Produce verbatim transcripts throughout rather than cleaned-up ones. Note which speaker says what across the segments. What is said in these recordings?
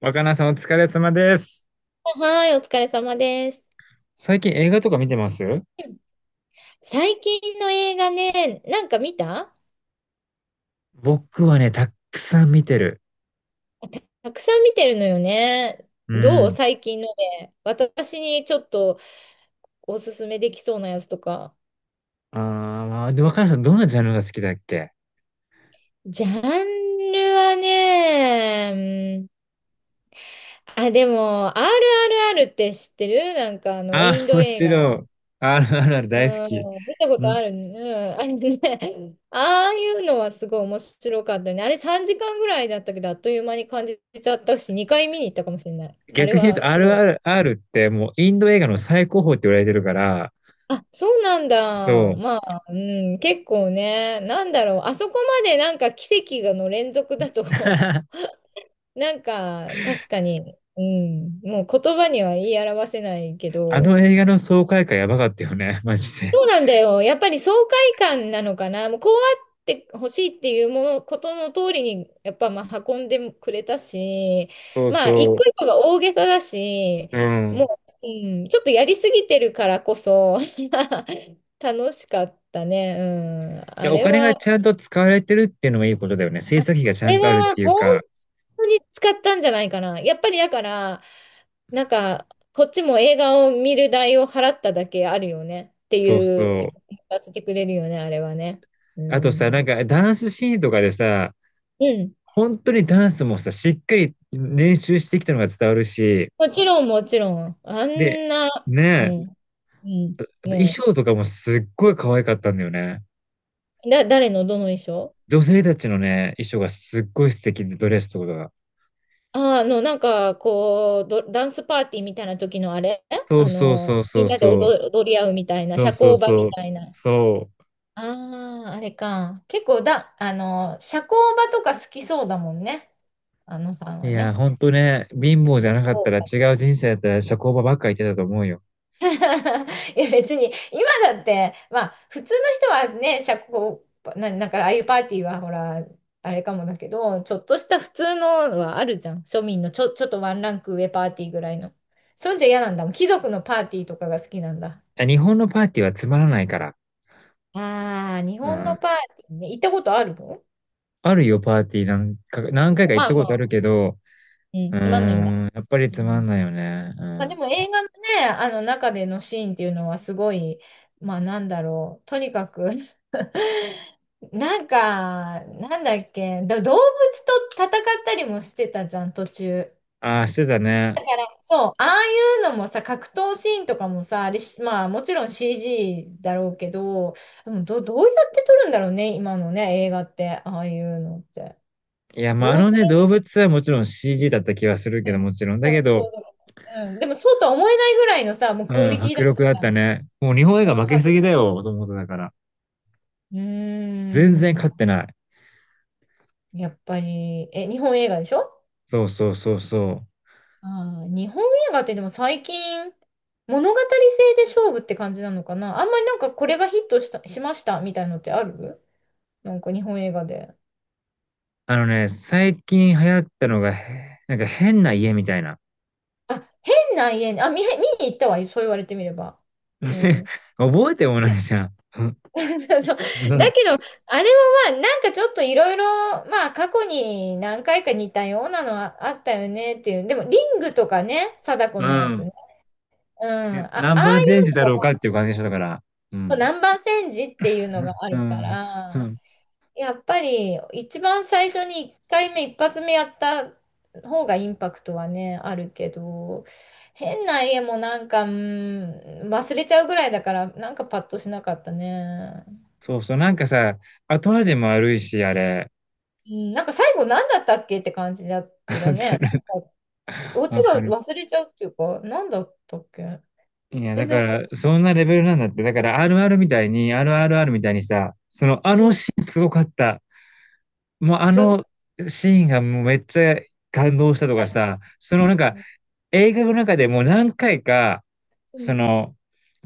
Speaker 1: 若菜さんお疲れ様です。
Speaker 2: はい、お疲れ様です。
Speaker 1: 最近映画とか見てます
Speaker 2: うん、最近の映画ね、なんか見た。
Speaker 1: 僕はね、たくさん見てる。
Speaker 2: たくさん見てるのよね。
Speaker 1: う
Speaker 2: どう
Speaker 1: ん。
Speaker 2: 最近の？で、私にちょっとおすすめできそうなやつとか。
Speaker 1: ああ、で、若菜さんどんなジャンルが好きだっけ
Speaker 2: ジャンルはね、うん、あ、でも、アールアールアール って知ってる？なんかあの、
Speaker 1: あ
Speaker 2: イン
Speaker 1: ー
Speaker 2: ド
Speaker 1: も
Speaker 2: 映
Speaker 1: ちろ
Speaker 2: 画。
Speaker 1: ん、アールアールアール 大好
Speaker 2: う
Speaker 1: き。
Speaker 2: ん、見たこ
Speaker 1: う
Speaker 2: と
Speaker 1: ん。
Speaker 2: あるね。うん、あれね、ああいうのはすごい面白かったね。あれさんじかんぐらいだったけど、あっという間に感じちゃったし、にかい見に行ったかもしれない。あ
Speaker 1: 逆
Speaker 2: れ
Speaker 1: に言う
Speaker 2: は
Speaker 1: と
Speaker 2: すごい。
Speaker 1: アールアールアール ってもうインド映画の最高峰って言われてるから、
Speaker 2: あ、そうなん
Speaker 1: そ
Speaker 2: だ。
Speaker 1: う。
Speaker 2: まあ、うん、結構ね、なんだろう。あそこまでなんか奇跡がの連続だと なんか確かに、うん、もう言葉には言い表せないけ
Speaker 1: あ
Speaker 2: ど、
Speaker 1: の映画の爽快感やばかったよね、マジで。
Speaker 2: そうなんだよ。やっぱり爽快感なのかな。もうこうあってほしいっていうもの、ことの通りに、やっぱまあ運んでくれたし、
Speaker 1: そう
Speaker 2: まあ一
Speaker 1: そ
Speaker 2: 個一個が大げさだし、
Speaker 1: う。うん。
Speaker 2: もう、うん、ちょっとやりすぎてるからこそ、楽しかったね。うん。
Speaker 1: で、
Speaker 2: あ
Speaker 1: お
Speaker 2: れ
Speaker 1: 金が
Speaker 2: は、
Speaker 1: ちゃんと使われてるっていうのがいいことだよね。制作費がち
Speaker 2: あ
Speaker 1: ゃん
Speaker 2: れ
Speaker 1: とあるっ
Speaker 2: は
Speaker 1: ていう
Speaker 2: 本
Speaker 1: か、
Speaker 2: 当に使ったんじゃないかな。やっぱりだから、なんか、こっちも映画を見る代を払っただけあるよねって
Speaker 1: そうそ
Speaker 2: いう、
Speaker 1: う。
Speaker 2: させてくれるよね、あれはね。う
Speaker 1: あとさ、な
Speaker 2: ん。
Speaker 1: んかダンスシーンとかでさ、
Speaker 2: うん。
Speaker 1: 本当にダンスもさ、しっかり練習してきたのが伝わるし、
Speaker 2: もちろん、もちろん。あ
Speaker 1: で、
Speaker 2: んな、
Speaker 1: ね
Speaker 2: う
Speaker 1: え、
Speaker 2: ん。うん。
Speaker 1: あと衣
Speaker 2: も
Speaker 1: 装とかもすっごい可愛かったんだよね。
Speaker 2: う、だ、誰のどの衣装？
Speaker 1: 女性たちのね、衣装がすっごい素敵で、ドレスとかが。
Speaker 2: ああの、なんか、こう、ど、ダンスパーティーみたいな時のあれ。
Speaker 1: そ
Speaker 2: あ
Speaker 1: うそう
Speaker 2: の、
Speaker 1: そうそ
Speaker 2: み
Speaker 1: う
Speaker 2: んなで
Speaker 1: そう。
Speaker 2: 踊、踊り合うみたいな、
Speaker 1: そ
Speaker 2: 社
Speaker 1: うそう
Speaker 2: 交場
Speaker 1: そ
Speaker 2: み
Speaker 1: う。
Speaker 2: たいな。
Speaker 1: そ
Speaker 2: ああ、あれか。結構だ、あの、社交場とか好きそうだもんね。あのさん
Speaker 1: う。い
Speaker 2: は
Speaker 1: や、
Speaker 2: ね。
Speaker 1: 本当ね、貧乏じゃなかっ
Speaker 2: そ
Speaker 1: たら
Speaker 2: うか。
Speaker 1: 違う人生だったら社交場ばっか行ってたと思うよ。
Speaker 2: いや、別に、今だって、まあ、普通の人はね、社交場、な、なんか、ああいうパーティーは、ほら、あれかもだけど、ちょっとした普通のはあるじゃん。庶民のちょ、ちょっとワンランク上パーティーぐらいの。そんじゃ嫌なんだもん。貴族のパーティーとかが好きなんだ。
Speaker 1: あ日本のパーティーはつまらないから。
Speaker 2: ああ、日
Speaker 1: う
Speaker 2: 本の
Speaker 1: ん。
Speaker 2: パーティーね。行ったことあるの？
Speaker 1: あるよ、パーティーなんか、何回か行っ
Speaker 2: まあ
Speaker 1: た
Speaker 2: ま
Speaker 1: ことある
Speaker 2: あ、
Speaker 1: けど、
Speaker 2: うん、
Speaker 1: う
Speaker 2: つまんないんだ。
Speaker 1: ーん、やっぱり
Speaker 2: う
Speaker 1: つまん
Speaker 2: ん、
Speaker 1: ないよね。う
Speaker 2: まあ、でも
Speaker 1: ん。
Speaker 2: 映画のね、あの中でのシーンっていうのはすごい、まあなんだろう、とにかく なんか、なんだっけ、ど動物と戦ったりもしてたじゃん、途中。
Speaker 1: ああ、してたね。
Speaker 2: そう、ああいうのもさ、格闘シーンとかもさ、あれし、まあもちろん シージー だろうけど、でもど、どうやって撮るんだろうね、今のね、映画って、ああいうのって。
Speaker 1: いや、まあ、あ
Speaker 2: 合
Speaker 1: の
Speaker 2: 成、
Speaker 1: ね、動物はもちろん シージー だった気はする
Speaker 2: う
Speaker 1: けど、
Speaker 2: ん、
Speaker 1: もちろん。だけど、
Speaker 2: そうだね。うん、でもそうとは思えないぐらいのさ、もう
Speaker 1: う
Speaker 2: クオリ
Speaker 1: ん、
Speaker 2: ティ
Speaker 1: 迫
Speaker 2: だったじ
Speaker 1: 力だっ
Speaker 2: ゃん。
Speaker 1: たね。もう日本映画
Speaker 2: うん、
Speaker 1: 負けす
Speaker 2: 迫
Speaker 1: ぎだよ、と思ってたから。
Speaker 2: うー
Speaker 1: 全然勝って
Speaker 2: ん。
Speaker 1: ない。
Speaker 2: やっぱり、え、日本映画でしょ？
Speaker 1: そうそうそうそう。
Speaker 2: あー日本映画ってでも最近、物語性で勝負って感じなのかな。あんまりなんかこれがヒットした、しましたみたいのってある？なんか日本映画で。
Speaker 1: あのね、最近流行ったのが、へなんか変な家みたいな。
Speaker 2: あ、変な家に、あ、見、見に行ったわ。そう言われてみれば。うん。
Speaker 1: 覚えてもないじゃん。う
Speaker 2: そうそう。だけ
Speaker 1: ん。
Speaker 2: ど、あれもまあ、なんかちょっといろいろ、まあ、過去に何回か似たようなのはあったよねっていう。でも、リングとかね、貞子
Speaker 1: う
Speaker 2: のやつ
Speaker 1: ん
Speaker 2: ね。うん。
Speaker 1: ね、
Speaker 2: あ、あ
Speaker 1: ナ
Speaker 2: あ
Speaker 1: ンバーチ
Speaker 2: い
Speaker 1: ェンジだ
Speaker 2: う
Speaker 1: ろう
Speaker 2: の
Speaker 1: かっ
Speaker 2: が
Speaker 1: ていう感じでしたから。うん。
Speaker 2: 南蛮戦時っていうのがあ
Speaker 1: う
Speaker 2: るか
Speaker 1: ん。う
Speaker 2: ら、
Speaker 1: ん
Speaker 2: やっぱり一番最初にいっかいめ、一発目やった方がインパクトはね、あるけど、変な家もなんか、うん、忘れちゃうぐらいだから、なんかパッとしなかったね。
Speaker 1: そうそう、なんかさ、後味も悪いし、あれ。
Speaker 2: うん、なんか最後何だったっけって感じだったね。なん か、オチ
Speaker 1: わか
Speaker 2: が
Speaker 1: る。
Speaker 2: 忘れちゃうっていうか、何だったっけ。
Speaker 1: いや、だ
Speaker 2: 全然
Speaker 1: か
Speaker 2: 覚え
Speaker 1: ら、
Speaker 2: て
Speaker 1: そんなレベルなんだって。だから、アールアール みたいに、アールアールアール みたいにさ、その、あ
Speaker 2: な
Speaker 1: の
Speaker 2: い。う
Speaker 1: シーンすごかった。もう、あ
Speaker 2: ん、
Speaker 1: の
Speaker 2: ど
Speaker 1: シーンがもうめっちゃ感動したとかさ、そのなんか、映画の中でもう何回か、
Speaker 2: う
Speaker 1: そ
Speaker 2: ん、
Speaker 1: の、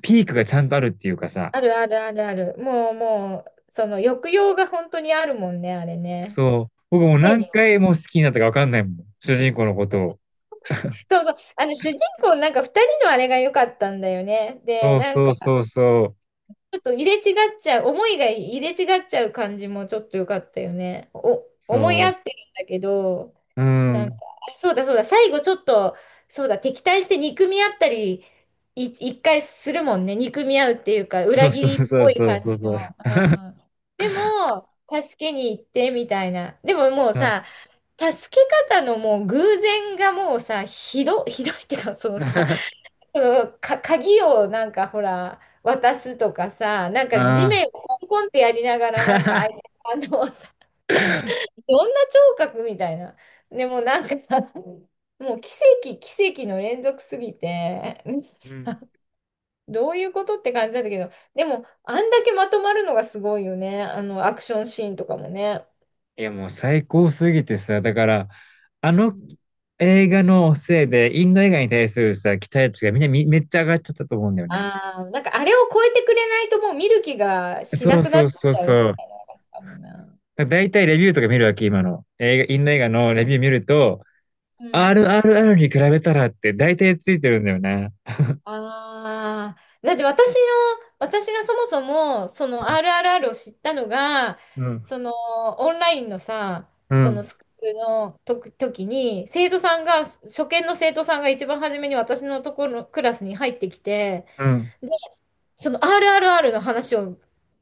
Speaker 1: ピークがちゃんとあるっていうかさ、
Speaker 2: あるあるあるある。もうもう、その抑揚が本当にあるもんね、あれね。
Speaker 1: そう、僕もう
Speaker 2: 常
Speaker 1: 何
Speaker 2: に
Speaker 1: 回も好きになったかわかんないもん。主人公のことを。
Speaker 2: そうそう。あの、主人公なんか二人のあれが良かったんだよね。で、
Speaker 1: そう
Speaker 2: なん
Speaker 1: そ
Speaker 2: か、
Speaker 1: うそうそう。
Speaker 2: ちょっと入れ違っちゃう、思いが入れ違っちゃう感じもちょっと良かったよね。お、思い
Speaker 1: そ
Speaker 2: 合ってるんだけど、
Speaker 1: う。うん。
Speaker 2: そうだそうだ、最後ちょっと、そうだ、敵対して憎み合ったり、い、一回するもんね。憎み合うっていうか、
Speaker 1: そ
Speaker 2: 裏
Speaker 1: う
Speaker 2: 切
Speaker 1: そう
Speaker 2: りっ
Speaker 1: そう
Speaker 2: ぽい
Speaker 1: そう
Speaker 2: 感
Speaker 1: そう
Speaker 2: じ
Speaker 1: そう。
Speaker 2: の。うん。でも、助けに行ってみたいな。でももう
Speaker 1: あ
Speaker 2: さ、助け方のもう偶然がもうさ、ひど、ひどいっていうか、そのさ、そのか、鍵をなんかほら、渡すとかさ、なんか地
Speaker 1: あ
Speaker 2: 面をコンコンってやりながら、なんか相
Speaker 1: ー。
Speaker 2: 手、あのさ、どんな聴覚みたいな。でもなんかもう奇跡、奇跡の連続すぎて、
Speaker 1: う ん
Speaker 2: どういうことって感じだったけど、でも、あんだけまとまるのがすごいよね。あの、アクションシーンとかもね。
Speaker 1: いやもう最高すぎてさ、だから、あ
Speaker 2: う
Speaker 1: の
Speaker 2: ん、
Speaker 1: 映画のせいで、インド映画に対するさ、期待値がみんなみめっちゃ上がっちゃったと思うんだよね。
Speaker 2: ああ、なんかあれを超えてくれないともう見る気がし
Speaker 1: そ
Speaker 2: な
Speaker 1: う
Speaker 2: くな
Speaker 1: そ
Speaker 2: っち
Speaker 1: うそう
Speaker 2: ゃう
Speaker 1: そう。
Speaker 2: かもな。
Speaker 1: だいたいレビューとか見るわけ、今の。映画、インド映画の
Speaker 2: う
Speaker 1: レビュ
Speaker 2: ん、
Speaker 1: ー見ると、
Speaker 2: うん、
Speaker 1: アールアールアール に比べたらって大体ついてるんだよね。
Speaker 2: ああ、だって私の、私がそもそも、その アールアールアール を知ったのが、
Speaker 1: うん。
Speaker 2: そのオンラインのさ、
Speaker 1: う
Speaker 2: その
Speaker 1: ん。
Speaker 2: スクールのとく時に、生徒さんが、初見の生徒さんが一番初めに私のところのクラスに入ってきて、
Speaker 1: うん。
Speaker 2: その アールアールアール の話を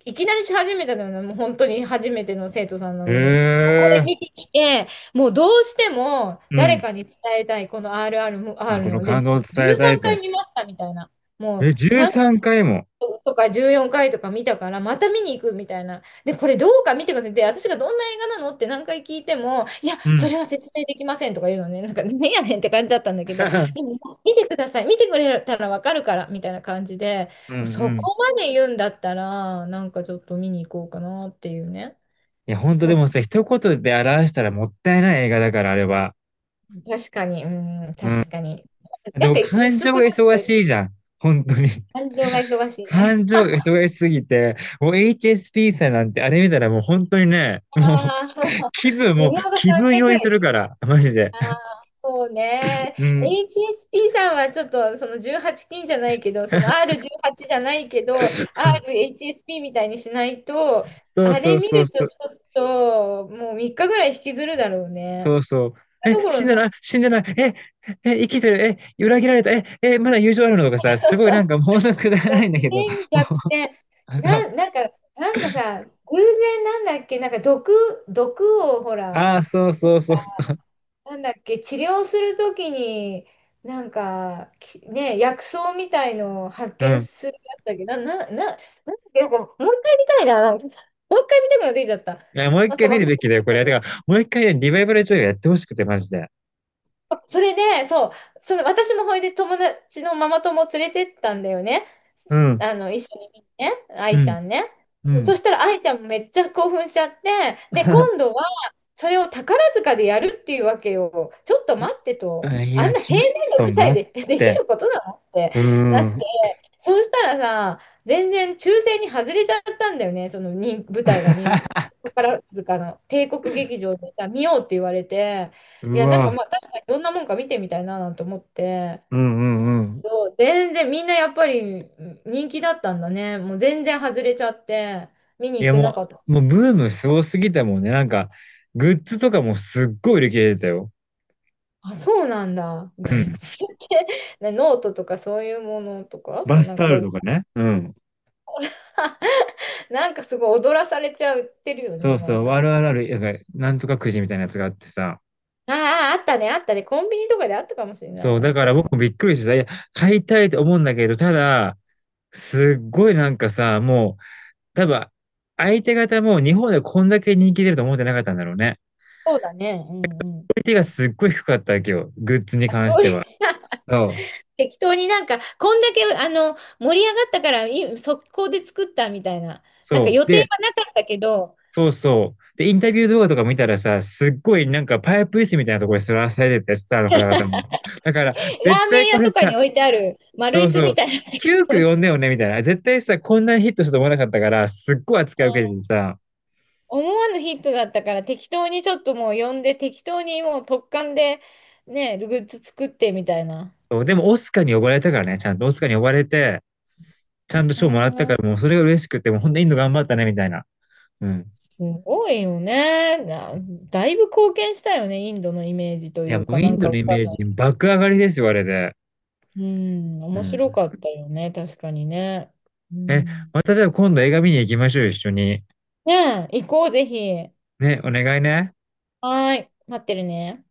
Speaker 2: いきなりし始めたのよね、もう本当に初めての生徒さんな
Speaker 1: へ
Speaker 2: のに。もうこれ見て
Speaker 1: え。
Speaker 2: きて、もうどうしても
Speaker 1: うん。
Speaker 2: 誰かに伝えたい、この
Speaker 1: まあ、
Speaker 2: アールアールアール
Speaker 1: この
Speaker 2: ので、
Speaker 1: 感動を伝えた
Speaker 2: 13
Speaker 1: い
Speaker 2: 回
Speaker 1: と。
Speaker 2: 見ましたみたいな。も
Speaker 1: え、
Speaker 2: う何
Speaker 1: じゅうさんかいも。
Speaker 2: とかじゅうよんかいとか見たから、また見に行くみたいな。で、これどうか見てください。で、私がどんな映画なのって何回聞いても、いや、
Speaker 1: う
Speaker 2: そ
Speaker 1: ん。
Speaker 2: れは説明できませんとか言うのね。なんか、ねやねんって感じだったんだけど、で も、見てください。見てくれたらわかるから、みたいな感じで、
Speaker 1: うん
Speaker 2: もうそ
Speaker 1: うん。い
Speaker 2: こまで言うんだったら、なんかちょっと見に行こうかなっていうね。
Speaker 1: や、本当
Speaker 2: も
Speaker 1: で
Speaker 2: う、
Speaker 1: もさ、一言で表したらもったいない映画だから、あれは。
Speaker 2: 確かに、うん、
Speaker 1: うん。
Speaker 2: 確かに。
Speaker 1: で
Speaker 2: なんか
Speaker 1: も感
Speaker 2: 薄
Speaker 1: 情
Speaker 2: くな
Speaker 1: が
Speaker 2: っ
Speaker 1: 忙
Speaker 2: て
Speaker 1: しい
Speaker 2: る
Speaker 1: じゃん。本当に。
Speaker 2: 感情が忙 しいね。
Speaker 1: 感情が忙しすぎて、もう エイチエスピー さんなんてあれ見たらもう本当にね、もう
Speaker 2: ああ、
Speaker 1: 気分、
Speaker 2: 寿
Speaker 1: もう
Speaker 2: 命が
Speaker 1: 気
Speaker 2: 3
Speaker 1: 分
Speaker 2: 年
Speaker 1: 酔
Speaker 2: ぐ
Speaker 1: い
Speaker 2: ら
Speaker 1: するか
Speaker 2: い。
Speaker 1: ら、マジで。
Speaker 2: そうね。
Speaker 1: うん。
Speaker 2: エイチエスピー さんはちょっとそのじゅうはち禁じゃないけど、その アールじゅうはち じゅうはちじゃないけど、アールエイチエスピー みたいにしないと、
Speaker 1: そう
Speaker 2: あ
Speaker 1: そ
Speaker 2: れ
Speaker 1: う
Speaker 2: 見
Speaker 1: そう
Speaker 2: ると
Speaker 1: そう。
Speaker 2: ちょっともうみっかぐらい引きずるだろう
Speaker 1: そ
Speaker 2: ね。
Speaker 1: うそう。え、
Speaker 2: ところ
Speaker 1: 死
Speaker 2: の
Speaker 1: んで
Speaker 2: さ、
Speaker 1: ない、死んでない、え、え、生きてる、え、裏切られた、え、え、まだ友情あるのとかさ、
Speaker 2: そ
Speaker 1: す
Speaker 2: う
Speaker 1: ごい
Speaker 2: そ
Speaker 1: なん
Speaker 2: う、
Speaker 1: かもうなくだら
Speaker 2: 逆
Speaker 1: ないんだけど、
Speaker 2: 転、
Speaker 1: も
Speaker 2: 逆転。
Speaker 1: う、そ
Speaker 2: な
Speaker 1: う
Speaker 2: ん、なんか、なんかさ、偶然なんだっけ、なんか毒、毒をほら、
Speaker 1: ああ、そうそうそう。
Speaker 2: なんだっけ、治療するときに、なんか、きね、薬草みたいのを発
Speaker 1: う
Speaker 2: 見
Speaker 1: ん。
Speaker 2: するやつだっけど、な、な、な、なんかもう一回見たいな、なんか。もう一回見たくなってきちゃった。
Speaker 1: いや、もう一
Speaker 2: なん
Speaker 1: 回
Speaker 2: かま
Speaker 1: 見
Speaker 2: あ、
Speaker 1: るべきだよ、これ。てか、もう一回ね、リバイバル上映やってほしくて、マジで。
Speaker 2: それで、そう、その私もほいで友達のママ友を連れてったんだよね。
Speaker 1: う
Speaker 2: す
Speaker 1: ん。
Speaker 2: あの、一緒に見にね、
Speaker 1: う
Speaker 2: 愛ち
Speaker 1: ん。
Speaker 2: ゃんね。
Speaker 1: う
Speaker 2: そ
Speaker 1: ん。
Speaker 2: したら愛ちゃんもめっちゃ興奮しちゃって、で、今 度はそれを宝塚でやるっていうわけよ。ちょっと待ってと、
Speaker 1: あい
Speaker 2: あん
Speaker 1: や、
Speaker 2: な
Speaker 1: ちょっ
Speaker 2: 平面の
Speaker 1: と
Speaker 2: 舞台
Speaker 1: 待っ
Speaker 2: で でき
Speaker 1: て。
Speaker 2: ることなのって
Speaker 1: う
Speaker 2: なって、
Speaker 1: ん。
Speaker 2: そうしたらさ、全然抽選に外れちゃったんだよね、その人舞台が人宝塚の帝国劇場でさ、見ようって言われて。い
Speaker 1: う
Speaker 2: や、なんか
Speaker 1: わ。
Speaker 2: まあ確かにどんなもんか見てみたいななんて思って、
Speaker 1: うんうんうん。
Speaker 2: そう全然みんなやっぱりうん人気だったんだね。もう全然外れちゃって、見に
Speaker 1: い
Speaker 2: 行
Speaker 1: や、
Speaker 2: けな
Speaker 1: も
Speaker 2: かった。
Speaker 1: う、もうブームすごすぎたもんね。なんか、グッズとかもすっごい売り切れてたよ。
Speaker 2: あ、そうなんだ。グ
Speaker 1: う
Speaker 2: ッ
Speaker 1: ん。
Speaker 2: ズって、ねノートとかそういうものとか、そ
Speaker 1: バ
Speaker 2: う
Speaker 1: ス
Speaker 2: なん
Speaker 1: タオ
Speaker 2: かロ
Speaker 1: ル
Speaker 2: ゴ、
Speaker 1: とかね。うん。
Speaker 2: なんかすごい踊らされちゃってるよ
Speaker 1: そ
Speaker 2: ね、
Speaker 1: う
Speaker 2: まあ
Speaker 1: そう。
Speaker 2: た。あ
Speaker 1: あるあるある、なんか、なんとかくじみたいなやつがあってさ。
Speaker 2: あ、あったね、あったね。コンビニとかであったかもしれない。
Speaker 1: そう。
Speaker 2: な
Speaker 1: だ
Speaker 2: ん
Speaker 1: か
Speaker 2: か、
Speaker 1: ら僕もびっくりしてさ、いや、買いたいと思うんだけど、ただ、すっごいなんかさ、もう、多分、相手方も日本でこんだけ人気出ると思ってなかったんだろうね。
Speaker 2: そうだね。うんうん。
Speaker 1: クオリティがすっごい低かったわけよ。グッズに
Speaker 2: あ、
Speaker 1: 関
Speaker 2: ク
Speaker 1: し
Speaker 2: オ
Speaker 1: て
Speaker 2: リテ
Speaker 1: は。
Speaker 2: ィ
Speaker 1: そう。
Speaker 2: 適当になんか、こんだけ、あの、盛り上がったから、い速攻で作ったみたいな。なんか
Speaker 1: そう。
Speaker 2: 予定
Speaker 1: で、
Speaker 2: はなかったけど、
Speaker 1: そうそう。で、インタビュー動画とか見たらさ、すっごいなんかパイプ椅子みたいなところに座らされてて、スターの方々も。だから、
Speaker 2: ラ
Speaker 1: 絶
Speaker 2: ーメ
Speaker 1: 対
Speaker 2: ン
Speaker 1: こ
Speaker 2: 屋
Speaker 1: れ
Speaker 2: とか
Speaker 1: さ、
Speaker 2: に置いてある丸
Speaker 1: そ
Speaker 2: 椅
Speaker 1: う
Speaker 2: 子
Speaker 1: そ
Speaker 2: み
Speaker 1: う。
Speaker 2: たいな適
Speaker 1: 急
Speaker 2: 当に。
Speaker 1: 区呼
Speaker 2: う
Speaker 1: んでよね、みたいな。絶対さ、こんなにヒットしたと思わなかったから、すっごい扱い受けて
Speaker 2: ん、
Speaker 1: てさ。
Speaker 2: 思わぬヒットだったから、適当にちょっともう呼んで、適当にもう突貫で、ね、グッズ作ってみたいな。
Speaker 1: そうでも、オスカーに呼ばれたからね、ちゃんとオスカーに呼ばれて、ちゃんと
Speaker 2: う
Speaker 1: 賞もらったか
Speaker 2: ん、
Speaker 1: ら、もうそれが嬉しくて、もうほんとインド頑張ったね、みたいな。うん。
Speaker 2: すごいよね。なだいぶ貢献したよね、インドのイメージと
Speaker 1: い
Speaker 2: い
Speaker 1: や、
Speaker 2: う
Speaker 1: も
Speaker 2: か、
Speaker 1: うイ
Speaker 2: な
Speaker 1: ン
Speaker 2: ん
Speaker 1: ド
Speaker 2: か
Speaker 1: の
Speaker 2: わ
Speaker 1: イ
Speaker 2: かん
Speaker 1: メー
Speaker 2: な
Speaker 1: ジ
Speaker 2: い。
Speaker 1: 爆上がりですよ、あれで。
Speaker 2: うん、
Speaker 1: う
Speaker 2: 面
Speaker 1: ん。
Speaker 2: 白かったよね、確かにね。う
Speaker 1: え、
Speaker 2: ん、
Speaker 1: またじゃあ今度映画見に行きましょう、一緒に。
Speaker 2: ねえ、行こう、ぜひ。
Speaker 1: ね、お願いね。
Speaker 2: はーい、待ってるね。